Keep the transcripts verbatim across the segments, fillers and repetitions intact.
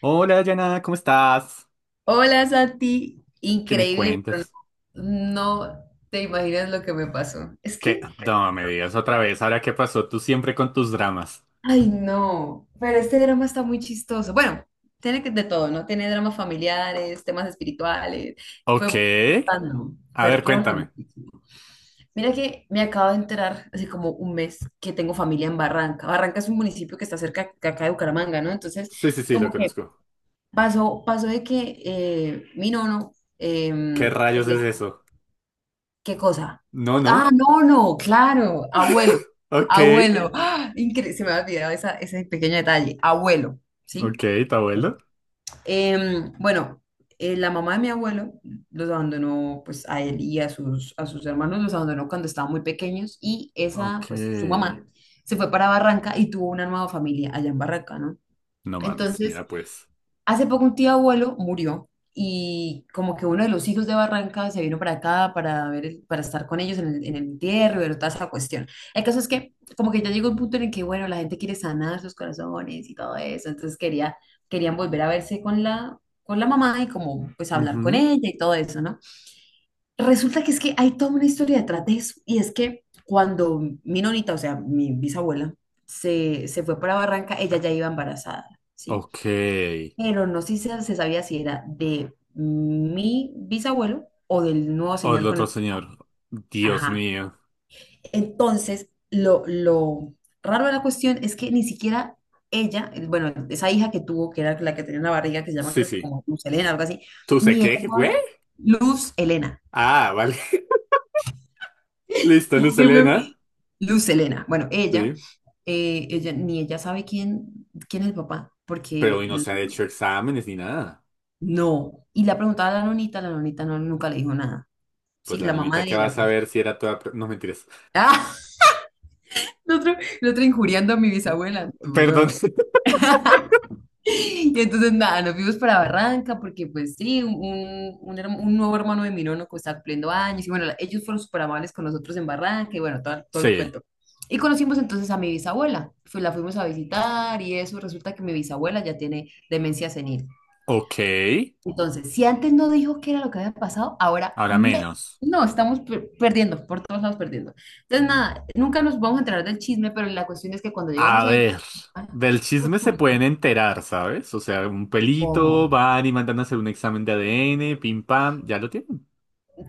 Hola, Yana, ¿cómo estás? Hola Santi, ¿Qué me increíble, pero cuentas? no, no te imaginas lo que me pasó. Es ¿Qué? que, No me digas otra vez, ahora qué pasó tú siempre con tus dramas. ay no, pero este drama está muy chistoso. Bueno, tiene que de todo, ¿no? Tiene dramas familiares, temas espirituales. Fue Ok. random, A fue ver, random. cuéntame. Mira que me acabo de enterar hace como un mes que tengo familia en Barranca. Barranca es un municipio que está cerca de acá de Bucaramanga, ¿no? Entonces, Sí, sí, sí, lo como que conozco. pasó, pasó de que eh, mi nono. eh, ¿Qué rayos es eso? ¿Qué cosa? No, Ah, no. no, no, claro, abuelo, Ok. abuelo. ¡Ah! Incre- se me había olvidado esa- ese pequeño detalle, abuelo, Ok, ¿sí? ¿tu Bueno, abuelo? Em, bueno, eh, la mamá de mi abuelo los abandonó, pues a él y a sus, a sus hermanos los abandonó cuando estaban muy pequeños y esa, pues su Ok. mamá se fue para Barranca y tuvo una nueva familia allá en Barranca, ¿no? No mames, Entonces, mira pues. hace poco un tío abuelo murió y como que uno de los hijos de Barranca se vino para acá para ver, el- para estar con ellos en el, en el entierro y ver toda esa cuestión. El caso es que como que ya llegó un punto en el que, bueno, la gente quiere sanar sus corazones y todo eso, entonces quería, querían volver a verse con la, con la mamá y como pues hablar con Ujú. ella y todo eso, ¿no? Resulta que es que hay toda una historia detrás de eso y es que cuando mi nonita, o sea, mi bisabuela, se, se fue para Barranca, ella ya iba embarazada. ¿Sí? Ok. Pero no sé si se se sabía si era de mi bisabuelo o del nuevo O el señor con otro el. señor. Dios Ajá. mío. Entonces, lo, lo raro de la cuestión es que ni siquiera ella, el- bueno, esa hija que tuvo, que era la que tenía una barriga, que se llama Sí, creo que sí. como Luz Elena, algo así, ¿Tú sé ni ella qué, güey? sabe, Luz Elena. Ah, vale. Listo, Luz Elena. Luz Elena. Bueno, ella, Sí. eh, ella, ni ella sabe quién, quién es el papá, Pero porque hoy no l- se ha hecho exámenes ni nada. no. Y le ha preguntado a la nonita, la nonita no, nunca le dijo nada. Sí, Pues la la mamá nonita de que va a ella, pues. saber si era toda... pro- No, mentiras. Ah, el otro, el otro injuriando a mi bisabuela. Perdón. Duro. Y entonces nada, nos fuimos para Barranca porque pues sí, un, un, un herma- un nuevo hermano de mi nono que está cumpliendo años y bueno, la- ellos fueron súper amables con nosotros en Barranca y bueno, todo, todo el Sí. cuento. Y conocimos entonces a mi bisabuela, Fu- la fuimos a visitar y eso, resulta que mi bisabuela ya tiene demencia senil. Ok. Entonces, si antes no dijo qué era lo que había pasado, ahora Ahora me. menos. No, estamos per- perdiendo, por todos lados perdiendo. Entonces, nada, nunca nos vamos a enterar del chisme, pero la cuestión es que cuando A llegamos ahí, ver. ah, Del chisme se resulta pueden enterar, ¿sabes? O sea, un pelito, como, van y mandan a hacer un examen de A D N, pim pam, ya lo tienen.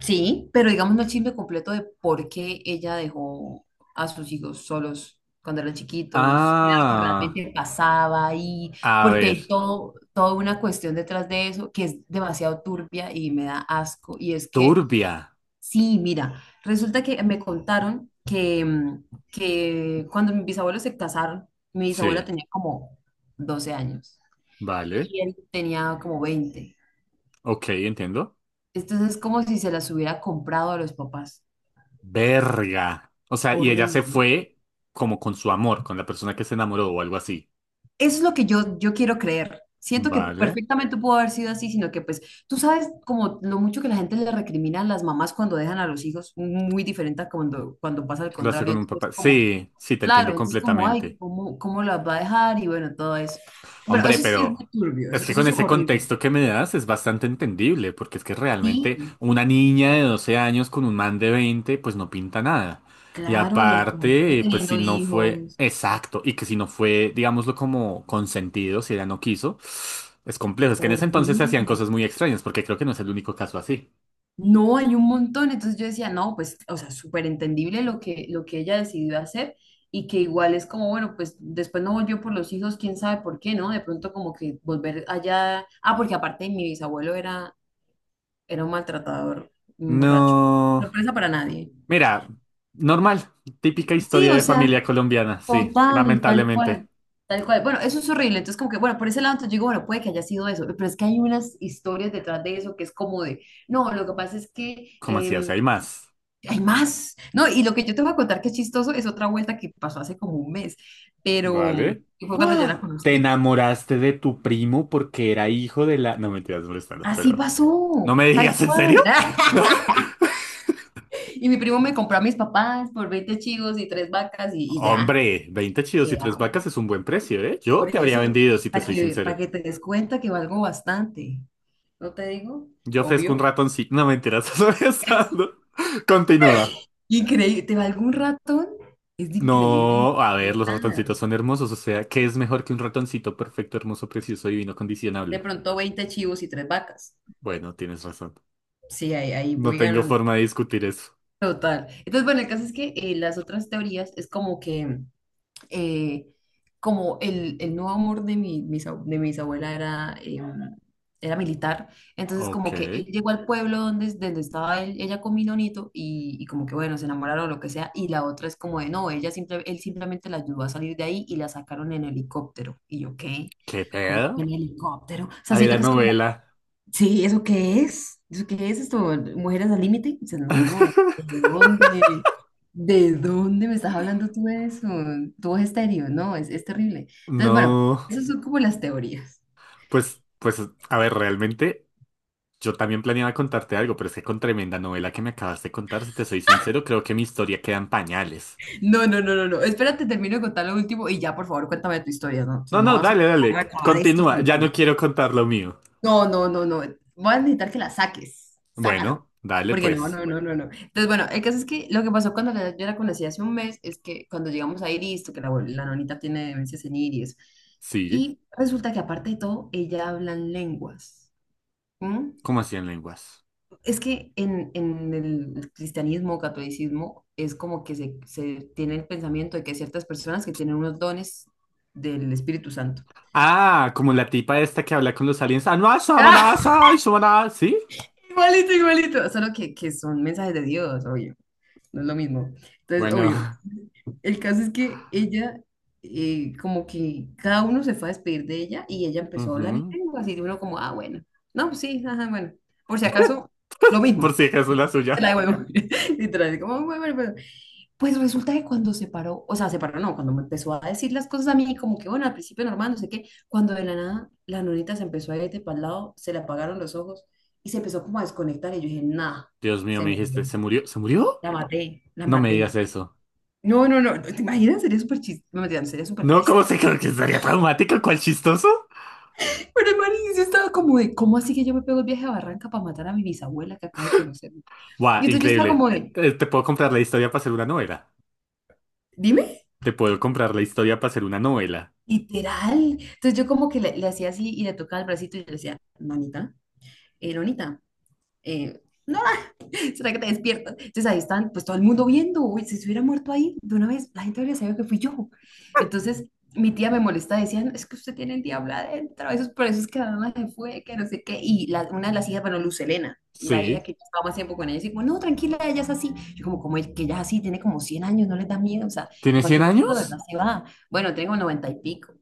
sí, pero digamos no el chisme completo de por qué ella dejó a sus hijos solos cuando eran chiquitos, qué era lo que Ah, realmente pasaba ahí, a porque ver. hay todo, toda una cuestión detrás de eso que es demasiado turbia y me da asco, y es que Turbia. sí, mira, resulta que me contaron que, mm, que cuando mis bisabuelos se casaron, mi bisabuela Sí, tenía como doce años vale. y él tenía como veinte. Ok, entiendo. Entonces es como si se las hubiera comprado a los papás. Verga. O sea, y ella se Horrible. fue como con su amor, con la persona que se enamoró o algo así. Eso es lo que yo, yo quiero creer. Siento que Vale. perfectamente pudo haber sido así, sino que pues tú sabes como lo mucho que la gente le recrimina a las mamás cuando dejan a los hijos, muy diferente a cuando, cuando pasa al Lo hace con contrario. un Entonces papá. como que, Sí, sí, te claro, entiendo entonces como, ay, completamente. ¿cómo, cómo las va a dejar? Y bueno, todo eso. Bueno, Hombre, eso sí es muy pero turbio, eso, es que eso con es ese horrible. contexto que me das es bastante entendible, porque es que realmente Sí, una niña de doce años con un man de veinte pues no pinta nada. Y claro, y aparte aparte, pues si teniendo no fue hijos, exacto, y que si no fue, digámoslo, como consentido, si ella no quiso, es complejo. Es que en ese entonces se hacían horrible. cosas muy extrañas, porque creo que no es el único caso así. No, hay un montón. Entonces yo decía, no, pues, o sea, súper entendible lo que, lo que ella decidió hacer y que igual es como, bueno, pues después no volvió por los hijos, quién sabe por qué, ¿no? De pronto como que volver allá. Ah, porque aparte mi bisabuelo era, era un maltratador, un borracho. No. Sorpresa para nadie. Mira, normal, típica Sí, historia o de sea, familia colombiana, sí, total, tal lamentablemente. cual, tal cual. Bueno, eso es horrible. Entonces, como que, bueno, por ese lado, entonces yo digo, bueno, puede que haya sido eso, pero es que hay unas historias detrás de eso que es como de, no, lo que pasa es que, ¿Cómo así? O em, sea, hay más. hay más. No, y lo que yo te voy a contar que es chistoso es otra vuelta que pasó hace como un mes, pero Vale. que fue cuando yo la ¡Ah! Te conocí. enamoraste de tu primo porque era hijo de la... No, mentiras, molestando, Así pero... ¿No pasó, me digas tal en serio? cual. Y mi primo me compró a mis papás por veinte chivos y tres vacas y, y ya, Hombre, veinte chidos y tres vacas quedamos. es un buen precio, ¿eh? Yo Por te habría eso, vendido, si te para soy que, para sincero. que te des cuenta que valgo bastante. ¿No te digo? Yo ofrezco un Obvio. ratoncito. No, mentiras, molestando. Continúa. Increíble, te valgo un ratón, es increíble. No, a ver, Es los nada. ratoncitos son hermosos, o sea, ¿qué es mejor que un ratoncito perfecto, hermoso, precioso, divino, De condicionable? pronto veinte chivos y tres vacas. Bueno, tienes razón. Sí, ahí, ahí No voy tengo ganando. forma de discutir eso. Total. Entonces, bueno, el caso es que eh, las otras teorías es como que, eh, como el, el nuevo amor de mi, mis ab- de mi bisabuela era, eh, era militar, entonces Ok, como que él llegó al pueblo donde, donde estaba él- ella con Minonito y, y como que, bueno, se enamoraron o lo que sea, y la otra es como de, no, ella simple, él simplemente la ayudó a salir de ahí y la sacaron en helicóptero. Y yo, ¿qué? ¿qué Como pedo? en helicóptero. O sea, Ahí siento la que es como novela. sí, ¿eso qué es? ¿Eso qué es esto? ¿Mujeres al límite? Dice, no, ¿de dónde? ¿De dónde me estás hablando tú de eso? Todo es estéreo, no, es, es terrible. Entonces, bueno, No, esas son como las teorías. pues, pues, a ver, realmente yo también planeaba contarte algo, pero es que con tremenda novela que me acabas de contar, si te soy sincero, creo que mi historia queda en pañales. No, no, no, no, no. Espérate, termino de contar lo último y ya, por favor, cuéntame tu historia, ¿no? O No, sea, no no, vas dale, dale, a acabar esto. continúa, ya no quiero contar lo mío. No, no, no, no. Voy a necesitar que la saques. Sácalo. Bueno, dale Porque no, pues, no, no, bueno, no, no. Entonces, bueno, el caso es que lo que pasó cuando la- yo la conocí hace un mes es que cuando llegamos ahí, listo, que la, abue- la nonita tiene demencia senil y eso. sí. Y resulta que aparte de todo, ella habla en lenguas. ¿M? ¿Cómo así en lenguas? Es que en, en el cristianismo, o catolicismo, es como que se, se tiene el pensamiento de que hay ciertas personas que tienen unos dones del Espíritu Santo. Ah, como la tipa esta que habla con los aliens. Ah, no, ah, samana, ah, ¡Ah! sai, samana. ¿Sí? Igualito, igualito. Solo que, que son mensajes de Dios, obvio. No es lo mismo. Entonces, Bueno. obvio, el caso es que ella, eh, como que cada uno se fue a despedir de ella y ella empezó a hablar en ujú. lengua, así de uno como, ah, bueno, no, pues sí, ajá, bueno, por si acaso, lo mismo, Por si acaso la te la suya. devuelvo, literal, como, bueno, bueno, bueno. Pues resulta que cuando se paró, o sea, se paró, no, cuando me empezó a decir las cosas a mí, como que, bueno, al principio normal, no sé qué, cuando de la nada la nonita se empezó a ir de para el lado, se le apagaron los ojos y se empezó como a desconectar y yo dije, nah, Dios mío, se me dijiste, murió, ¿se murió? ¿Se murió? la maté, la No me digas maté. eso. No, no, no, no, ¿te imaginas? Sería súper chiste, no, mentira, no, sería súper No, ¿cómo triste. se creo que estaría traumático? ¿Cuál chistoso? Pero el marido yo estaba como de, ¿cómo así que yo me pego el viaje a Barranca para matar a mi bisabuela que acabo de conocer? Y Buah, entonces yo estaba increíble. como de, Eh, Te puedo comprar la historia para hacer una novela. dime, Te puedo comprar la historia para hacer una novela. literal. Entonces yo como que le, le hacía así y le tocaba el bracito y yo le decía, manita, eh, nonita, eh, no, ¿será que te despiertas? Entonces ahí están, pues todo el mundo viendo, uy, si se hubiera muerto ahí de una vez, la gente habría sabido que fui yo. Entonces mi tía me molesta, decían, es que usted tiene el diablo adentro, eso es por eso es que la mamá se fue, que no sé qué. Y la- una de las hijas, bueno, Lucelena, la hija Sí. que yo estaba más tiempo con ella, decía no, tranquila, ella es así. Yo como, como el que ella es así, tiene como cien años, no le da miedo, o sea, en ¿Tienes cien cualquier momento de verdad años? se va. Bueno, tengo noventa y pico,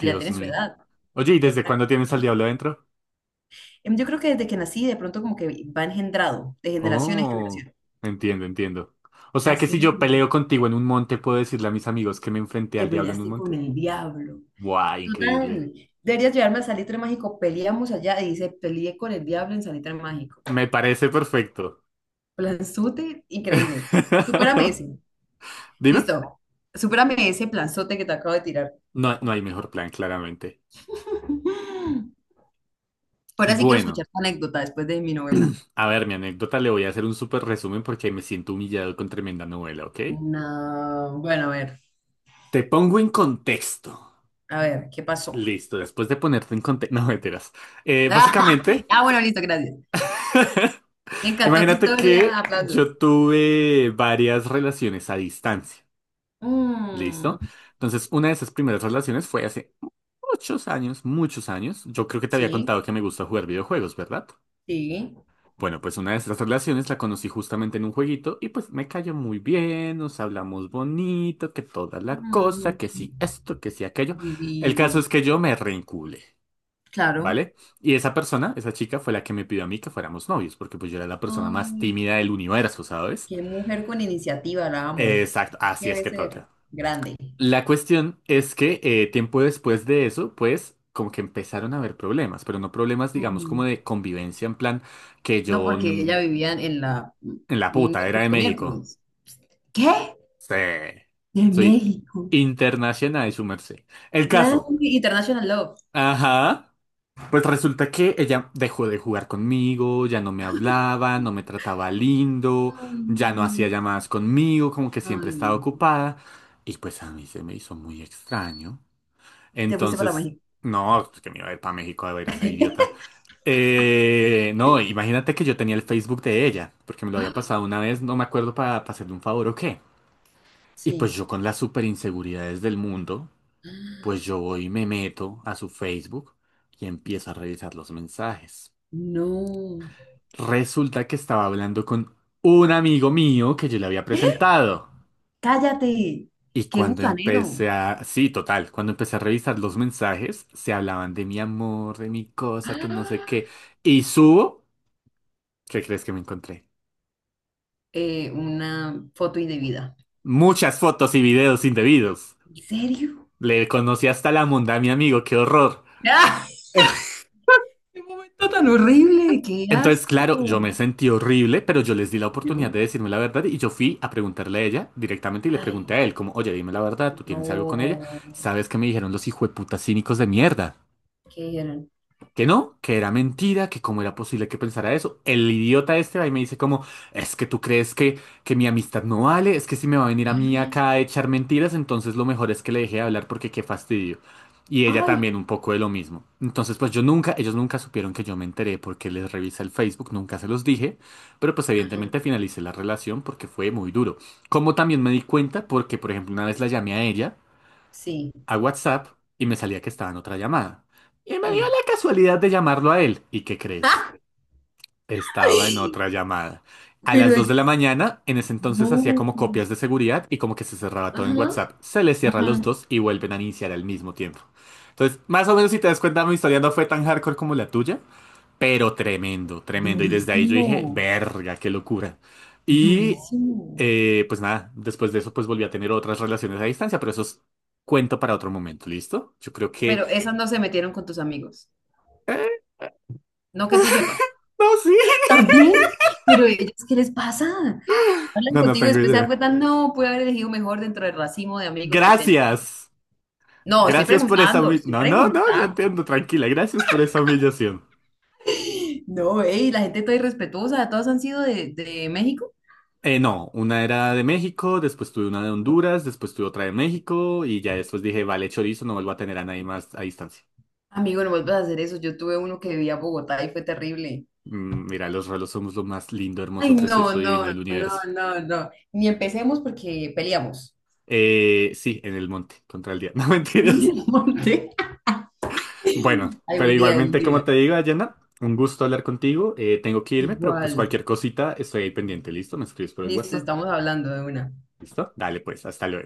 ya tiene su mío. edad, Oye, ¿y ya desde está. cuándo tienes al diablo adentro? Em, Yo creo que desde que nací, de pronto como que va engendrado, de generación en Oh, generación. entiendo, entiendo. O sea que si Así, yo peleo contigo en un monte, ¿puedo decirle a mis amigos que me enfrenté que al diablo en un peleaste con monte? el diablo. ¡Guau! Tú Increíble. tan, deberías llevarme al salitre mágico, peleamos allá y dice, peleé con el diablo en salitre mágico. Me parece perfecto. Planzote, increíble. Supérame ese. Dime. Listo. Supérame ese planzote que te acabo de tirar. No, no hay mejor plan, claramente. Ahora sí quiero Bueno, escuchar tu anécdota después de mi novela. a ver, mi anécdota le voy a hacer un súper resumen porque me siento humillado con tremenda novela, ¿ok? No, bueno, a ver, Te pongo en contexto. a ver, ¿qué pasó? Listo, después de ponerte en contexto. No, mentiras. Eh, básicamente, Ah, bueno, listo, gracias. Me encantó tu imagínate historia, que aplausos. yo tuve varias relaciones a distancia. Mm, Listo. Entonces, una de esas primeras relaciones fue hace muchos años, muchos años. Yo creo que te había sí, contado que me gusta jugar videojuegos, ¿verdad? sí. Bueno, pues una de esas relaciones la conocí justamente en un jueguito y pues me cayó muy bien, nos hablamos bonito, que toda la cosa, Mm, que sí esto, que sí aquello. El caso divino. es que yo me reenculé, Claro. ¿vale? Y esa persona, esa chica, fue la que me pidió a mí que fuéramos novios, porque pues yo era la persona más Ay, tímida del universo, ¿sabes? qué mujer con iniciativa, la amo. Exacto, así es Debe que toca. ser grande. La cuestión es que eh, tiempo después de eso, pues como que empezaron a haber problemas, pero no problemas, digamos, como Ujú. de convivencia, en plan que No, yo porque mm, ella vivía en la mm, en la puta era miércoles de con México. miércoles. ¿Qué? Sí. De Soy México. internacional, su merced. El Grande caso. International Love. Ajá. Pues resulta que ella dejó de jugar conmigo, ya no me hablaba, no me trataba lindo, Ay, ya no no. hacía llamadas conmigo, como que siempre Ay, estaba no. ocupada. Y pues a mí se me hizo muy extraño. Y te fuiste para Entonces, México. no, que me iba a ir para México a ver a esa idiota. Eh, no, imagínate que yo tenía el Facebook de ella, porque me lo había ¡Ah! pasado una vez, no me acuerdo para hacerle un favor o qué. Y pues Sí. yo con las super inseguridades del mundo, pues yo voy y me meto a su Facebook y empiezo a revisar los mensajes. No. Resulta que estaba hablando con un amigo mío que yo le había presentado. Cállate. Y Qué cuando gusanero. empecé a... Sí, total, cuando empecé a revisar los mensajes, se hablaban de mi amor, de mi cosa, que no sé qué. ¡Ah! Y subo, ¿qué crees que me encontré? Eh, una foto indebida. Muchas fotos y videos indebidos. ¿En serio? Le conocí hasta la monda a mi amigo, qué horror. Qué momento tan horrible, qué Entonces, claro, asco. yo me sentí horrible, pero yo les di la oportunidad de Yo. decirme la verdad y yo fui a preguntarle a ella directamente y le pregunté Ay, a él, como, oye, dime la verdad, ¿tú tienes algo con ella? no. ¿Sabes qué me dijeron los hijueputas cínicos de mierda? ¿Qué dijeron? Que no, que era mentira, que cómo era posible que pensara eso. El idiota este va y me dice como, es que tú crees que, que, mi amistad no vale, es que si me va a venir a mí acá a echar mentiras, entonces lo mejor es que le deje de hablar porque qué fastidio. Y ella Ay, también un poco de lo mismo. Entonces pues yo nunca, ellos nunca supieron que yo me enteré porque les revisé el Facebook, nunca se los dije, pero pues ajá, evidentemente finalicé la relación porque fue muy duro. Como también me di cuenta porque, por ejemplo, una vez la llamé a ella sí, a WhatsApp y me salía que estaba en otra llamada. Y me dio sí. la casualidad de llamarlo a él. ¿Y qué crees? Estaba en ¡Ay! otra llamada. A las Pero dos de la ellos, mañana, en ese entonces hacía no, como copias de seguridad y como que se cerraba todo en ajá. WhatsApp. Se le cierra a los Ajá, dos y vuelven a iniciar al mismo tiempo. Entonces, más o menos si te das cuenta, mi historia no fue tan hardcore como la tuya, pero tremendo, tremendo. Y desde ahí yo dije, durísimo, verga, qué locura. Y durísimo. eh, pues nada, después de eso pues volví a tener otras relaciones a distancia, pero eso es cuento para otro momento, ¿listo? Yo creo que... Pero esas no se metieron con tus amigos. No que tú sepas. No, sí. También, pero ellos, ¿qué les pasa? Hablan No, no contigo y tengo después se dan idea. cuenta, no, pude haber elegido mejor dentro del racimo de amigos que tenía. Gracias. No, estoy Gracias por esa... preguntando, humi- estoy No, no, no, ya preguntando. entiendo, tranquila. Gracias por esa humillación. No, ey, la gente está irrespetuosa, todas han sido de, de México. Eh, no, una era de México, después tuve una de Honduras, después tuve otra de México y ya después dije, vale, chorizo, no vuelvo a tener a nadie más a distancia. Amigo, no vuelvas a hacer eso. Yo tuve uno que vivía en Bogotá y fue terrible. Mm, Mira, los rolos somos lo más lindo, hermoso, Ay, no, precioso, divino no, del no, universo. no, no. Ni empecemos porque peleamos Eh, sí, en el monte, contra el día. No en mentiras. el monte. Bueno, pero Algún día, algún igualmente, como día. te digo, Dayana, un gusto hablar contigo. Eh, tengo que irme, pero pues Igual. cualquier cosita estoy ahí pendiente. ¿Listo? Me escribes por el Listo, WhatsApp. estamos hablando de una. ¿Listo? Dale, pues, hasta luego.